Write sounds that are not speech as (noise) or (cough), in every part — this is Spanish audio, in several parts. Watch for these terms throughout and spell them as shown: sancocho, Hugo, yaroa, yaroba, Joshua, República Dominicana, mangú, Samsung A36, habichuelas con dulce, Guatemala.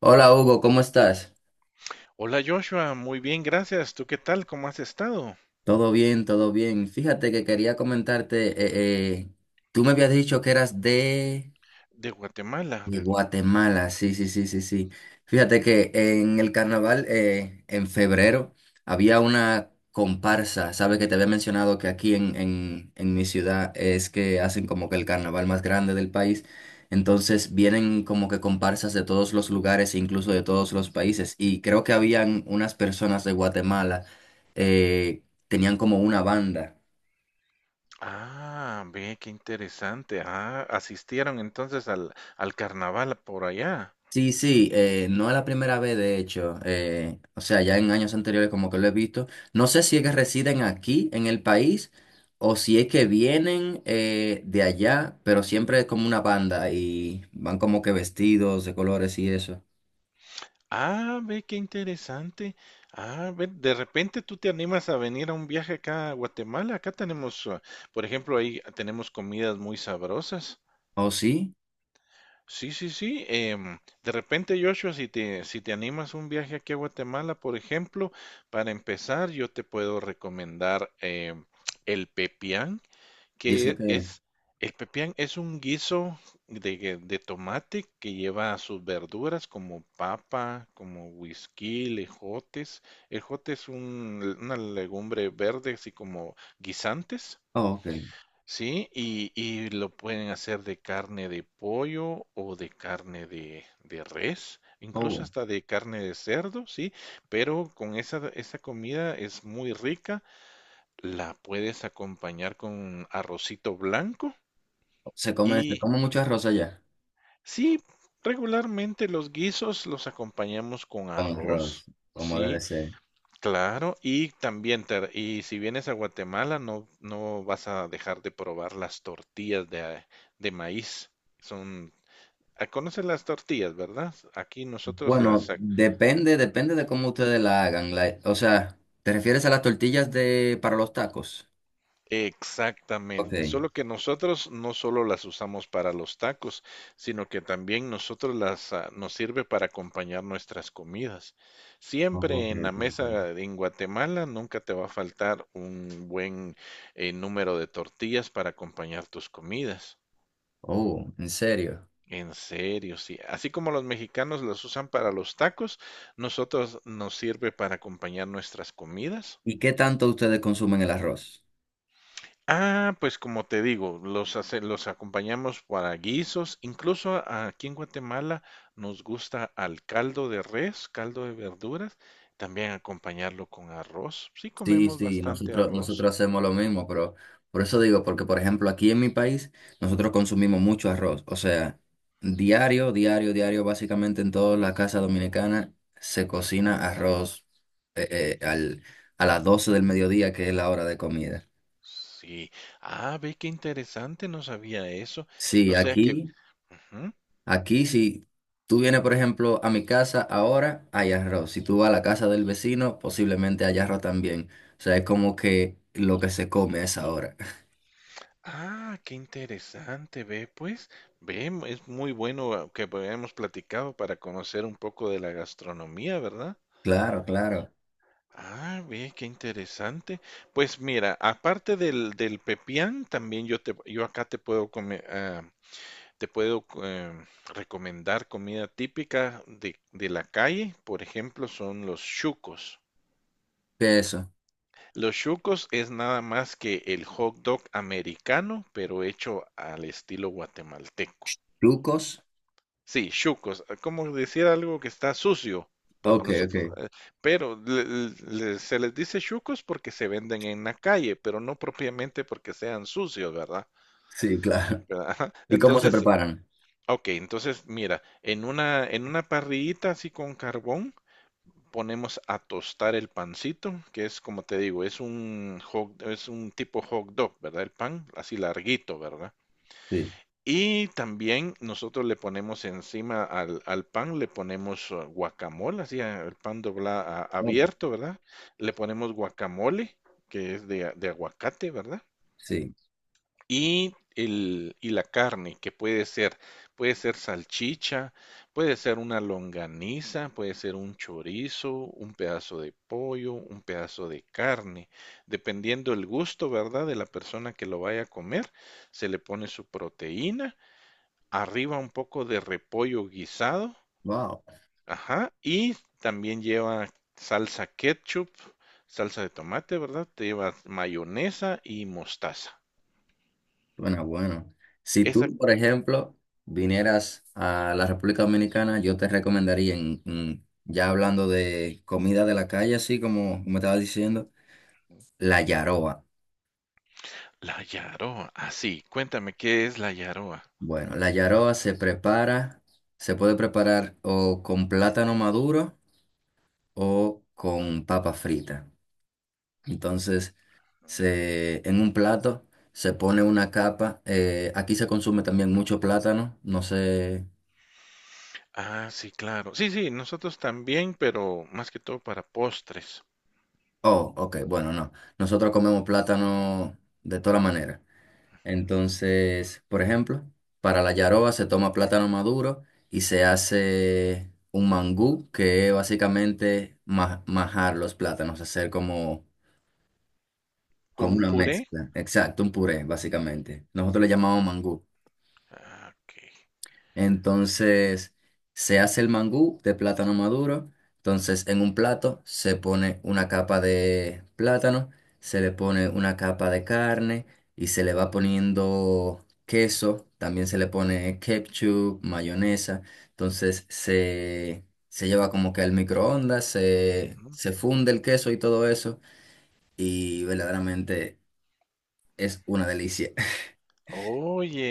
Hola Hugo, ¿cómo estás? Hola Joshua, muy bien, gracias. ¿Tú qué tal? ¿Cómo has estado? Todo bien, todo bien. Fíjate que quería comentarte, tú me habías dicho que eras de... De Guatemala. Y Guatemala, sí, sí, sí, sí, sí. Fíjate que en el carnaval, en febrero, había una comparsa. Sabes que te había mencionado que aquí en mi ciudad es que hacen como que el carnaval más grande del país. Entonces vienen como que comparsas de todos los lugares, e incluso de todos los países. Y creo que habían unas personas de Guatemala, eh, tenían como una banda. Ah, ve, qué interesante. Ah, asistieron entonces al carnaval por allá. Sí, sí, no es la primera vez, de hecho. O sea, ya en años anteriores como que lo he visto. No sé si es que residen aquí en el país o si es que vienen de allá, pero siempre es como una banda y van como que vestidos de colores y eso. Ah, ve, qué interesante. Ah, ve, de repente tú te animas a venir a un viaje acá a Guatemala. Acá tenemos, por ejemplo, ahí tenemos comidas muy sabrosas. ¿Oh, sí? Sí, sí, sí. De repente, Joshua, si te animas un viaje aquí a Guatemala, por ejemplo, para empezar, yo te puedo recomendar el pepián, ¿Y eso que qué? es, el pepián es un guiso de tomate que lleva sus verduras como papa, como whisky, ejotes. El jote es una legumbre verde, así como guisantes. Oh, ok. Sí, y lo pueden hacer de carne de pollo o de carne de res, incluso Oh, hasta de carne de cerdo, sí, pero con esa comida es muy rica, la puedes acompañar con arrocito blanco se y come mucho arroz allá. sí, regularmente los guisos los acompañamos con Con arroz, arroz, como debe sí. ser. Claro, y también, y si vienes a Guatemala, no, no vas a dejar de probar las tortillas de maíz. Son, conoces las tortillas, ¿verdad? Aquí nosotros las. Bueno, depende, depende de cómo ustedes la hagan. O sea, ¿te refieres a las tortillas de para los tacos? Ok. Exactamente, solo que nosotros no solo las usamos para los tacos, sino que también nosotros nos sirve para acompañar nuestras comidas. Oh, ok, Siempre en la ok, ok. mesa en Guatemala nunca te va a faltar un buen número de tortillas para acompañar tus comidas. Oh, ¿en serio? En serio, sí. Así como los mexicanos las usan para los tacos, nosotros nos sirve para acompañar nuestras comidas. ¿Y qué tanto ustedes consumen el arroz? Ah, pues como te digo, los acompañamos para guisos. Incluso aquí en Guatemala nos gusta al caldo de res, caldo de verduras, también acompañarlo con arroz. Sí, Sí, comemos sí, bastante nosotros, arroz. nosotros hacemos lo mismo, pero por eso digo, porque por ejemplo aquí en mi país nosotros consumimos mucho arroz, o sea, diario, diario, diario, básicamente en toda la casa dominicana se cocina arroz eh, eh, al, a las 12 del mediodía, que es la hora de comida. Sí. Ah, ve qué interesante, no sabía eso. Sí, O sea que. aquí. Ujú. Aquí, si tú vienes, por ejemplo, a mi casa ahora, hay arroz. Si tú vas a la casa del vecino, posiblemente haya arroz también. O sea, es como que lo que se come es ahora. (laughs) Ah, qué interesante, ve pues. Ve, es muy bueno que hayamos platicado para conocer un poco de la gastronomía, ¿verdad? Claro, claro. Ah, ve, qué interesante. Pues mira, aparte del pepián, también yo acá te puedo te puedo recomendar comida típica de la calle. Por ejemplo, son los chucos. ¿Qué es eso? Los chucos es nada más que el hot dog americano, pero hecho al estilo guatemalteco. ¿Trucos? Sí, chucos, como decir algo que está sucio por Ok, ok. nosotros, pero se les dice chucos porque se venden en la calle, pero no propiamente porque sean sucios, ¿verdad? Sí, (laughs) claro. (laughs) ¿Verdad? Ajá. ¿Y cómo se Entonces, preparan? ok, entonces mira, en una parrillita así con carbón ponemos a tostar el pancito, que es como te digo, es es un tipo hot dog, ¿verdad? El pan así larguito, ¿verdad? Sí. Y también nosotros le ponemos encima al pan, le ponemos guacamole, así el pan dobla Oh. abierto, ¿verdad? Le ponemos guacamole, que es de aguacate, ¿verdad? Sí. Y la carne, que puede ser salchicha, puede ser una longaniza, puede ser un chorizo, un pedazo de pollo, un pedazo de carne, dependiendo el gusto, ¿verdad? De la persona que lo vaya a comer, se le pone su proteína arriba un poco de repollo guisado, Wow. ajá, y también lleva salsa ketchup, salsa de tomate, ¿verdad? Te lleva mayonesa y mostaza. Bueno, bueno. Si Esa, tú, por ejemplo, vinieras a la República Dominicana, yo te recomendaría, ya hablando de comida de la calle, así como me estaba diciendo, la yaroa. la yaroa, sí, cuéntame, ¿qué es la yaroa? Bueno, la yaroa se prepara, se puede preparar o con plátano maduro o con papa frita. Entonces, se, en un plato se pone una capa. Aquí se consume también mucho plátano. No sé. Ah, sí, claro. Sí, sí, nosotros también, pero más que todo para postres, Oh, ok, bueno, no. Nosotros comemos plátano de toda manera. Entonces, por ejemplo, para la yaroba se toma plátano maduro y se hace un mangú, que es básicamente majar los plátanos, hacer como, como como un una puré. mezcla. Exacto, un puré, básicamente. Nosotros le llamamos mangú. Ah, ok. Entonces se hace el mangú de plátano maduro. Entonces en un plato se pone una capa de plátano, se le pone una capa de carne y se le va poniendo queso. También se le pone ketchup, mayonesa. Entonces se lleva como que al microondas, se, Ujú. se funde el queso y todo eso. Y verdaderamente es una delicia.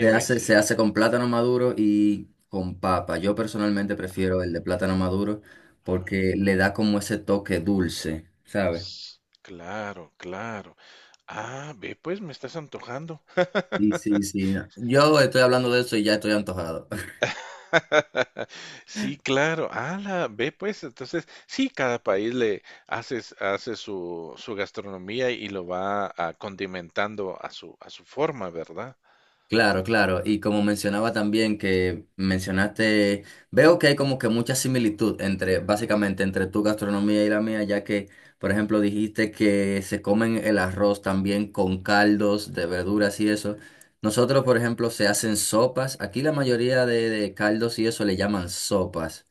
Se sí. hace con plátano maduro y con papa. Yo personalmente prefiero el de plátano maduro Ajá. porque le da como ese toque dulce, ¿sabes? S- Claro, claro. Ah, ve, pues me estás antojando. Y sí, sí. No. Yo estoy hablando de eso y ya estoy antojado. (laughs) Sí, claro. la Ve pues, entonces, sí, cada país hace su gastronomía y lo va condimentando a su forma, ¿verdad? Claro, claro. Y como mencionaba también que mencionaste, veo que hay como que mucha similitud entre, básicamente, entre tu gastronomía y la mía, ya que, por ejemplo, dijiste que se comen el arroz también con caldos de verduras y eso. Nosotros, por ejemplo, se hacen sopas. Aquí la mayoría de caldos y eso le llaman sopas.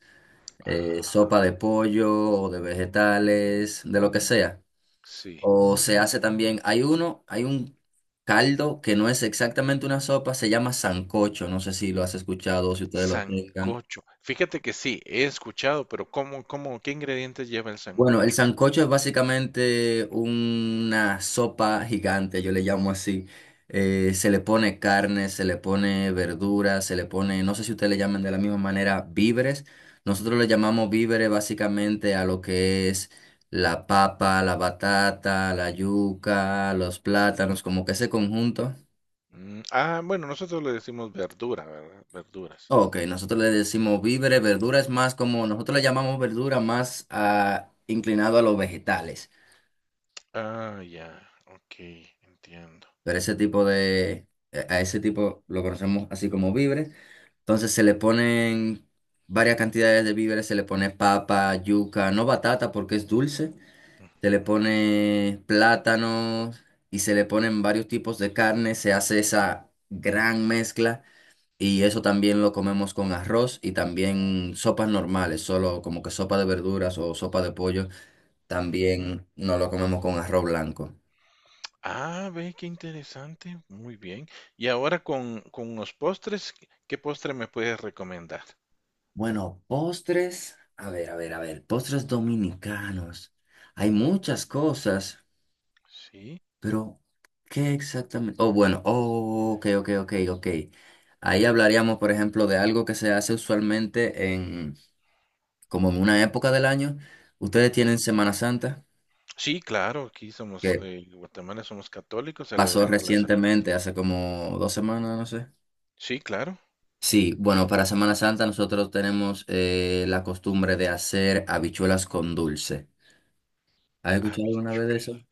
Ah, Sopa de pollo o de vegetales, de lo que sea. sí. O se hace también, hay uno, hay un caldo que no es exactamente una sopa, se llama sancocho, no sé si lo has escuchado o si ustedes lo tengan. Sancocho. Fíjate que sí, he escuchado, pero qué ingredientes lleva el Bueno, el sancocho? sancocho es básicamente una sopa gigante, yo le llamo así. Se le pone carne, se le pone verduras, se le pone, no sé si ustedes le llaman de la misma manera, víveres. Nosotros le llamamos víveres básicamente a lo que es la papa, la batata, la yuca, los plátanos, como que ese conjunto. Bueno, nosotros le decimos verdura, ¿verdad? Verduras. Ok, nosotros le decimos víveres, verdura es más como, nosotros le llamamos verdura más inclinado a los vegetales, Ah, ya, ok, entiendo. pero ese tipo de, a ese tipo lo conocemos así como víveres. Entonces se le ponen varias cantidades de víveres, se le pone papa, yuca, no batata porque es dulce, se le Ujú, pone plátano y se le ponen varios tipos de carne, se hace esa gran mezcla. Y eso también lo comemos con arroz y también sopas normales, solo como que sopa de verduras o sopa de pollo, ujú. también no lo comemos con arroz blanco. Ah, ve, qué interesante. Muy bien. Y ahora con los postres, ¿qué postre me puedes recomendar? Bueno, postres, a ver, a ver, a ver, postres dominicanos. Hay muchas cosas, Sí, pero ¿qué exactamente? Oh, bueno, oh, ok, ok, ok, ok. Ahí hablaríamos, por ejemplo, de algo que se hace usualmente en, como en una época del año. Ustedes ujú. tienen Semana Santa Sí, claro, que en Guatemala somos católicos, pasó celebramos la Semana Santa. recientemente, hace como 2 semanas, no sé. Sí, claro, Sí, bueno, para Semana Santa nosotros tenemos la costumbre de hacer habichuelas con dulce. ¿Has escuchado alguna vez de habichuela. eso?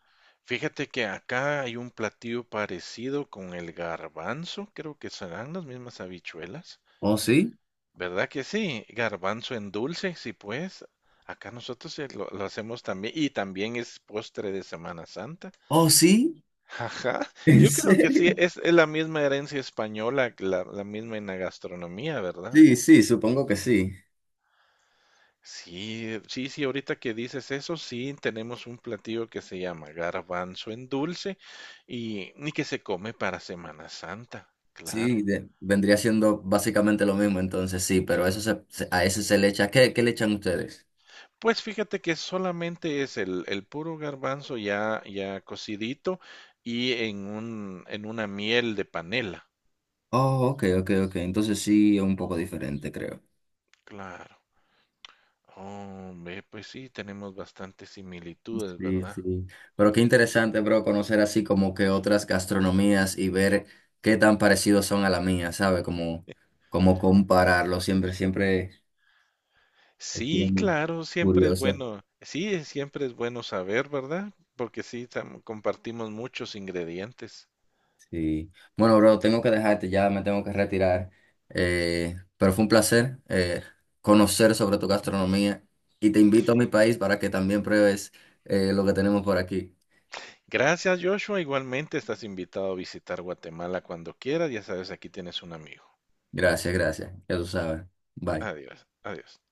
Fíjate que acá hay un platillo parecido con el garbanzo, creo que serán las mismas habichuelas. ¿Oh, sí? ¿Verdad que sí? Garbanzo en dulce, sí pues. Acá nosotros lo hacemos también y también es postre de Semana Santa. ¿Oh, sí? Ajá. (laughs) ¿En Yo creo que sí, serio? es la misma herencia española, la misma en la gastronomía, ¿verdad? Sí, sí, supongo que sí. Sí, sí, sí, ahorita que dices eso, sí, tenemos un platillo que se llama garbanzo en dulce y que se come para Semana Santa, Sí, claro. Vendría siendo básicamente lo mismo, entonces sí, pero eso a ese se le echa. ¿Qué, qué le echan ustedes? Pues fíjate que solamente es el puro garbanzo ya cocidito y en una miel de panela, Oh, ok, ok, ok. Entonces sí, es un poco diferente, creo. claro. Oh, ve, pues sí, tenemos bastantes similitudes, Sí, ¿verdad? sí. Pero qué interesante, bro, conocer así como que otras gastronomías y ver qué tan parecidos son a la mía, ¿sabe? Como, como compararlo. Siempre, siempre es Sí, bien claro, siempre es curioso. bueno. Sí, siempre es bueno saber, ¿verdad? Porque sí, compartimos muchos ingredientes. Sí. Bueno, bro, tengo que dejarte ya, me tengo que retirar. Pero fue un placer conocer sobre tu gastronomía y te invito a mi país para que también pruebes lo que tenemos por aquí. Gracias, Joshua. Igualmente estás invitado a visitar Guatemala cuando quieras. Ya sabes, aquí tienes un amigo. Gracias, gracias. Ya tú sabes. Bye. Adiós, adiós.